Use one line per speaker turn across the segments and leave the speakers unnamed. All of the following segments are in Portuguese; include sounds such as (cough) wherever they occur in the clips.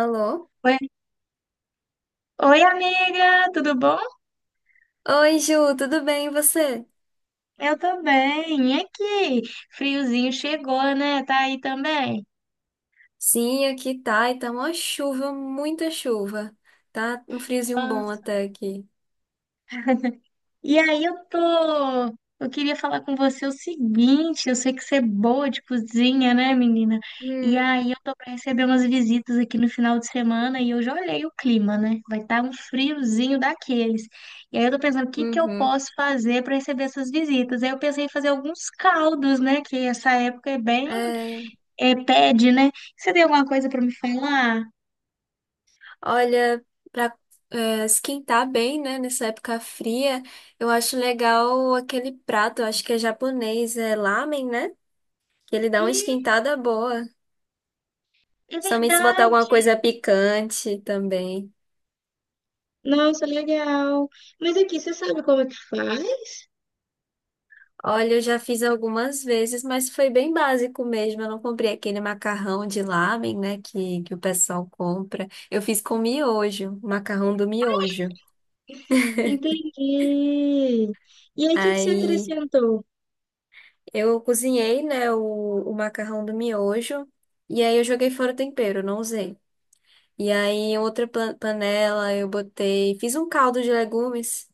Alô?
Oi, oi, amiga, tudo bom?
Oi, Ju, tudo bem e você?
Eu tô bem. E aqui? Friozinho chegou, né? Tá aí também.
Sim, aqui tá, e tá uma chuva, muita chuva. Tá um friozinho
Ah,
bom até aqui.
E aí eu tô, eu queria falar com você o seguinte, eu sei que você é boa de cozinha, né, menina? E
Hum,
aí eu tô pra receber umas visitas aqui no final de semana e eu já olhei o clima, né? Vai estar um friozinho daqueles. E aí eu tô pensando, o que que eu
uhum.
posso fazer pra receber essas visitas? Aí eu pensei em fazer alguns caldos, né, que essa época é bem
É,
é, pede, né? Você tem alguma coisa pra me falar?
olha, pra é, esquentar bem, né, nessa época fria, eu acho legal aquele prato, eu acho que é japonês, é lamen, né? Que ele dá uma
Hum,
esquentada boa.
é
Somente se botar alguma
verdade.
coisa picante também.
Nossa, legal. Mas aqui, você sabe como é que faz?
Olha, eu já fiz algumas vezes, mas foi bem básico mesmo. Eu não comprei aquele macarrão de lamen, né, que o pessoal compra. Eu fiz com miojo, macarrão do miojo.
Entendi. E aí, o que que você
Aí
acrescentou?
eu cozinhei, né, o macarrão do miojo e aí eu joguei fora o tempero, não usei. E aí em outra panela eu botei, fiz um caldo de legumes.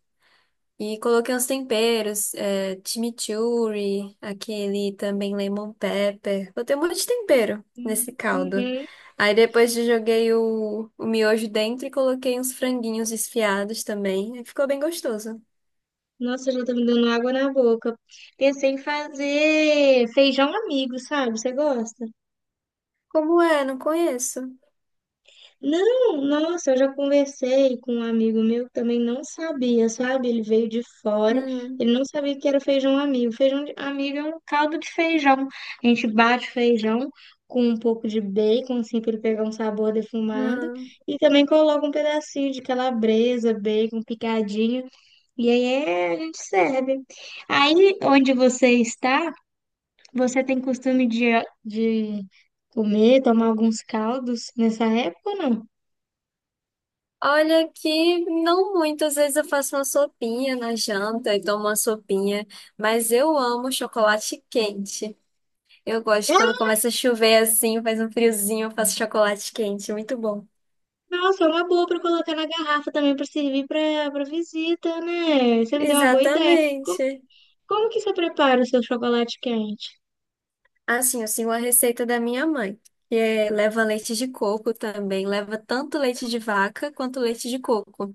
E coloquei uns temperos, é, chimichurri, aquele também lemon pepper. Botei um monte de tempero nesse caldo.
Uhum.
Aí depois eu joguei o miojo dentro e coloquei uns franguinhos desfiados também. Aí ficou bem gostoso.
Nossa, já tá me dando água na boca. Pensei em fazer feijão amigo, sabe? Você gosta?
Como é? Não conheço.
Não, nossa, eu já conversei com um amigo meu que também não sabia, sabe? Ele veio de fora,
Hum,
ele não sabia que era feijão amigo. Feijão de- amigo é um caldo de feijão. A gente bate feijão com um pouco de bacon, assim, para ele pegar um sabor defumado,
não.
e também coloca um pedacinho de calabresa, bacon picadinho, e aí é, a gente serve. Aí, onde você está, você tem costume de comer, tomar alguns caldos nessa época ou não?
Olha que não muito. Às vezes eu faço uma sopinha na janta e tomo uma sopinha. Mas eu amo chocolate quente. Eu gosto quando começa a chover assim, faz um friozinho, eu faço chocolate quente, muito bom.
Nossa, é uma boa pra colocar na garrafa também pra servir pra para visita, né? Você me deu uma boa ideia.
Exatamente.
Como que você prepara o seu chocolate quente?
Assim, eu sigo a receita da minha mãe, que é, leva leite de coco também, leva tanto leite de vaca quanto leite de coco.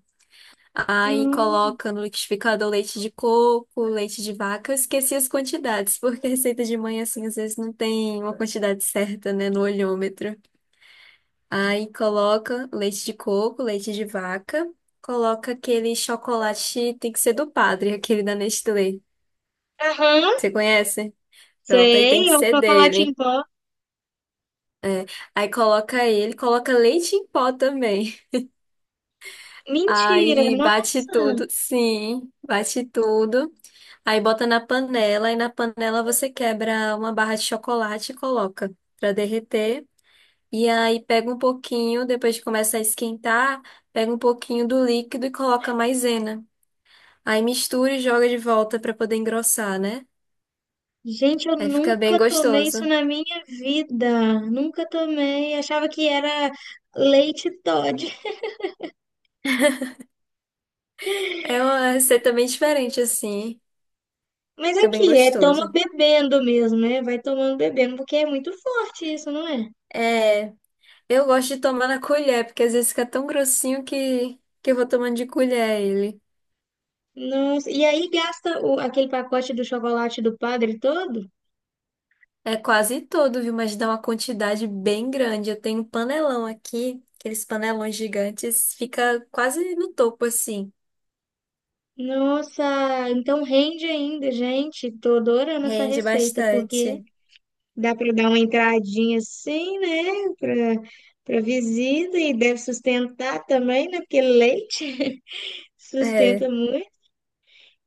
Aí
Hum.
coloca no liquidificador leite de coco, leite de vaca. Eu esqueci as quantidades, (laughs) porque a receita de mãe, assim, às vezes não tem uma quantidade certa, né, no olhômetro. Aí coloca leite de coco, leite de vaca, coloca aquele chocolate, tem que ser do Padre, (laughs) aquele da Nestlé.
Aham,
Você conhece? Pronto, aí tem
sei,
que
é o
ser
chocolate em
dele.
pó.
Aí coloca ele, coloca leite em pó também.
Mentira,
Aí bate
nossa!
tudo, sim, bate tudo. Aí bota na panela, e na panela você quebra uma barra de chocolate e coloca pra derreter. E aí pega um pouquinho, depois que começa a esquentar, pega um pouquinho do líquido e coloca maisena. Aí mistura e joga de volta pra poder engrossar, né?
Gente, eu
Aí fica bem
nunca tomei isso
gostoso.
na minha vida. Nunca tomei. Achava que era leite Toddy.
É uma receita bem diferente assim.
Mas
Fica bem
aqui, é toma
gostoso.
bebendo mesmo, né? Vai tomando bebendo, porque é muito forte isso, não é?
É, eu gosto de tomar na colher, porque às vezes fica tão grossinho que eu vou tomando de colher ele.
Nossa, e aí gasta o- aquele pacote do chocolate do padre todo?
É quase todo, viu? Mas dá uma quantidade bem grande. Eu tenho um panelão aqui, aqueles panelões gigantes, fica quase no topo assim.
Nossa, então rende ainda, gente. Tô adorando essa
Rende
receita, porque
bastante.
dá para dar uma entradinha assim, né? Para visita e deve sustentar também, né? Porque leite (laughs)
É.
sustenta muito.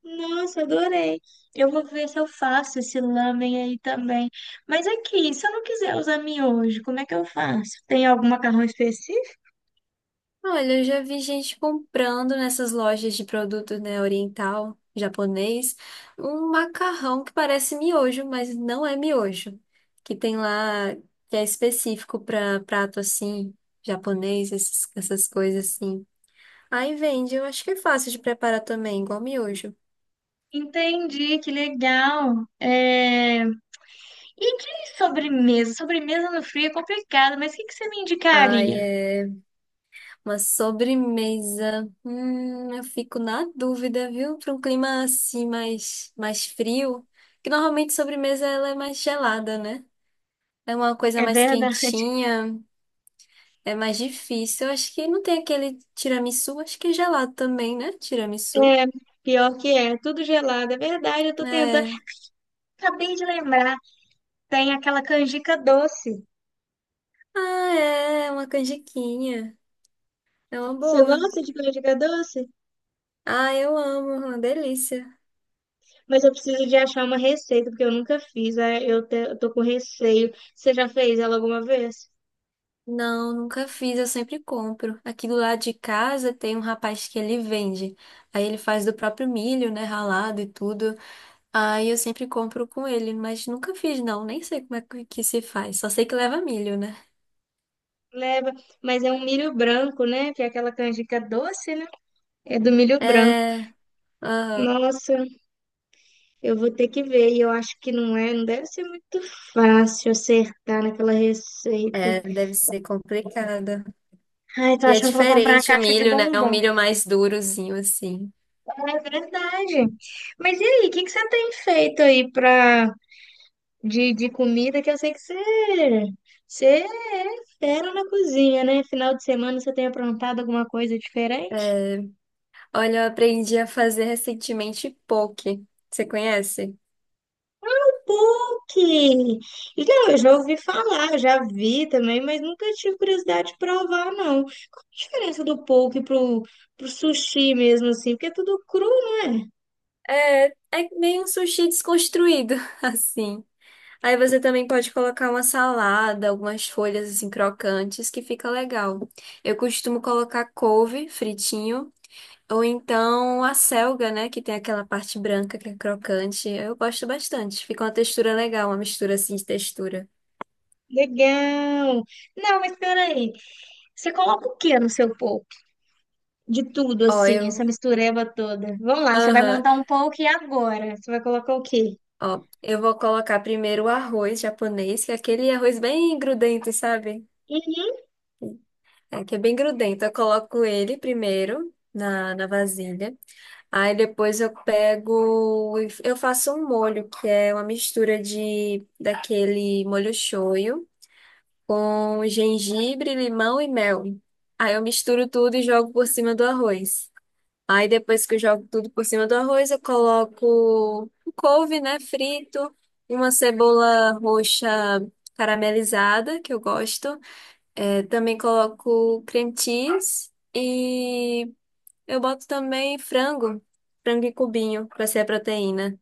Nossa, adorei. Eu vou ver se eu faço esse lamen aí também. Mas aqui, se eu não quiser usar miojo, como é que eu faço? Tem algum macarrão específico?
Olha, eu já vi gente comprando nessas lojas de produtos né, oriental, japonês, um macarrão que parece miojo, mas não é miojo. Que tem lá, que é específico para prato assim, japonês, essas coisas assim. Aí vende, eu acho que é fácil de preparar também, igual miojo.
Entendi, que legal. É, e de sobremesa? Sobremesa no frio é complicado, mas o que que você me
Ai,
indicaria?
é uma sobremesa. Eu fico na dúvida, viu? Para um clima assim mais frio, que normalmente sobremesa ela é mais gelada, né? É uma coisa
É
mais
verdade. (laughs)
quentinha, é mais difícil. Eu acho que não tem aquele tiramisu, acho que é gelado também, né?
É,
Tiramisu.
pior que é, tudo gelado. É verdade, eu tô tentando.
É.
Acabei de lembrar, tem aquela canjica doce.
Ah, é, é uma canjiquinha. É uma
Você
boa.
gosta de canjica doce?
Ah, eu amo, é uma delícia.
Mas eu preciso de achar uma receita, porque eu nunca fiz. Eu tô com receio. Você já fez ela alguma vez?
Não, nunca fiz, eu sempre compro. Aqui do lado de casa tem um rapaz que ele vende. Aí ele faz do próprio milho, né, ralado e tudo. Aí eu sempre compro com ele, mas nunca fiz não, nem sei como é que se faz. Só sei que leva milho, né?
Leva, mas é um milho branco, né? Que é aquela canjica doce, né? É do milho branco.
É, aham.
Nossa. Eu vou ter que ver, e eu acho que não é, não deve ser muito fácil acertar naquela receita.
É, deve ser complicado.
Ai, tô
E é
achando que eu vou comprar uma
diferente o
caixa de
milho, né? É um
bombom.
milho mais durozinho, assim.
É verdade. Mas e aí, o que que você tem feito aí pra, de comida? Que eu sei que você, você é fera na cozinha, né? Final de semana você tem aprontado alguma coisa diferente?
Olha, eu aprendi a fazer recentemente poke. Você conhece?
PUC! Não, eu já ouvi falar, já vi também, mas nunca tive curiosidade de provar, não. Qual a diferença do pro sushi mesmo, assim? Porque é tudo cru, não é?
É, é meio um sushi desconstruído, (laughs) assim. Aí você também pode colocar uma salada, algumas folhas, assim, crocantes, que fica legal. Eu costumo colocar couve fritinho. Ou então a selga, né? Que tem aquela parte branca que é crocante. Eu gosto bastante. Fica uma textura legal, uma mistura assim de textura.
Legal! Não, mas peraí. Você coloca o que no seu poke? De tudo,
Ó,
assim, essa
eu.
mistureba toda. Vamos lá, você vai
Aham.
montar um poke agora. Você vai colocar o quê?
Ó, eu vou colocar primeiro o arroz japonês, que é aquele arroz bem grudento, sabe?
Uhum.
É, que é bem grudento. Eu coloco ele primeiro na vasilha. Aí depois eu pego. Eu faço um molho, que é uma mistura de daquele molho shoyu com gengibre, limão e mel. Aí eu misturo tudo e jogo por cima do arroz. Aí depois que eu jogo tudo por cima do arroz, eu coloco um couve, né, frito, uma cebola roxa caramelizada, que eu gosto. É, também coloco cream cheese e eu boto também frango, frango em cubinho, pra ser a proteína.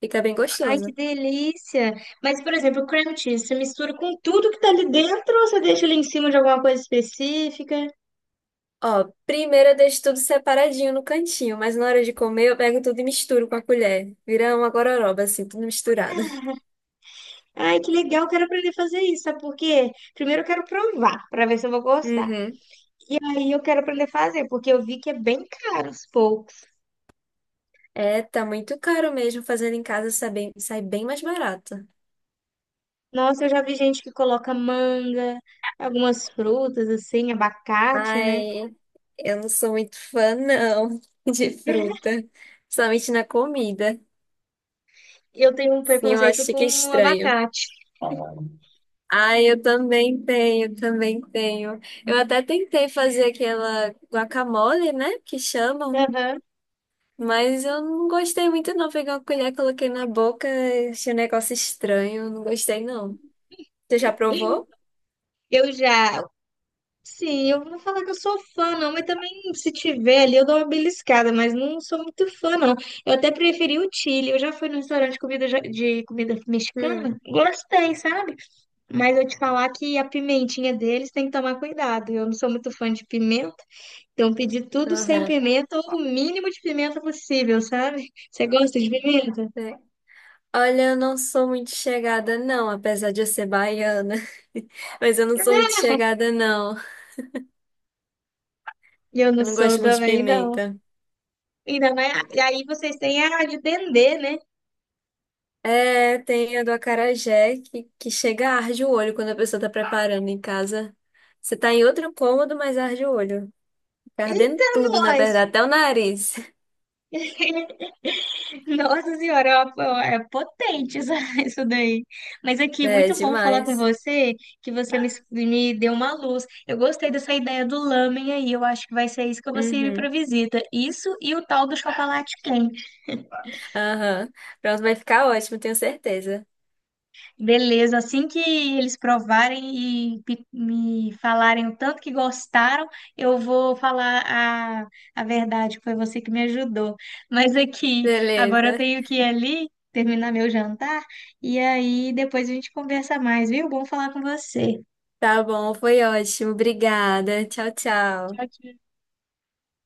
Fica bem
Ai, que
gostoso.
delícia! Mas, por exemplo, o cream cheese, você mistura com tudo que tá ali dentro ou você deixa ele em cima de alguma coisa específica?
Ó, primeiro eu deixo tudo separadinho no cantinho, mas na hora de comer eu pego tudo e misturo com a colher. Vira uma gororoba, assim, tudo misturado.
Ai, que legal, quero aprender a fazer isso, sabe por quê? Primeiro eu quero provar, para ver se eu vou gostar.
Uhum.
E aí eu quero aprender a fazer, porque eu vi que é bem caro os poucos.
É, tá muito caro mesmo. Fazendo em casa sai bem mais barato.
Nossa, eu já vi gente que coloca manga, algumas frutas assim, abacate, né?
Ai, eu não sou muito fã, não, (laughs) de fruta. Somente na comida.
Eu tenho um
Sim, eu
preconceito
acho que é
com
estranho.
abacate.
Ai, eu também tenho, também tenho. Eu até tentei fazer aquela guacamole, né? Que chamam.
Aham.
Mas eu não gostei muito, não. Peguei uma colher, coloquei na boca, achei um negócio estranho. Não gostei, não. Você já provou?
Eu já, sim, eu não vou falar que eu sou fã, não, mas também se tiver ali eu dou uma beliscada, mas não sou muito fã, não. Eu até preferi o Chile. Eu já fui num restaurante de comida, ja- de comida mexicana,
Hum,
gostei, sabe? Mas eu te falar que a pimentinha deles tem que tomar cuidado. Eu não sou muito fã de pimenta, então pedi tudo sem
aham.
pimenta ou o mínimo de pimenta possível, sabe? Você gosta de pimenta?
Olha, eu não sou muito chegada, não, apesar de eu ser baiana. (laughs) Mas eu não sou muito chegada, não.
Eu não
Eu não
sou
gosto muito de
também, não.
pimenta.
Ainda mais. E aí vocês têm a de dendê, né?
É, tem a do acarajé que chega a arde o olho quando a pessoa tá preparando em casa. Você tá em outro cômodo, mas arde o olho. Fica ardendo
Eita,
tudo, na
nós!
verdade, até o nariz. (laughs)
Nossa senhora, é potente isso, (laughs) isso daí. Mas aqui,
É,
muito bom falar com
demais.
você, que você me deu uma luz. Eu gostei dessa ideia do lamen aí, eu acho que vai ser isso que eu vou servir para
Uhum.
visita. Isso e o tal do chocolate quente.
Aham. Pronto, vai ficar ótimo, tenho certeza.
Beleza, assim que eles provarem e me falarem o tanto que gostaram, eu vou falar a verdade, que foi você que me ajudou. Mas aqui, agora eu
Beleza.
tenho que ir ali, terminar meu jantar, e aí depois a gente conversa mais, viu? Bom falar com você.
Tá bom, foi ótimo. Obrigada. Tchau,
Tchau,
tchau.
tchau.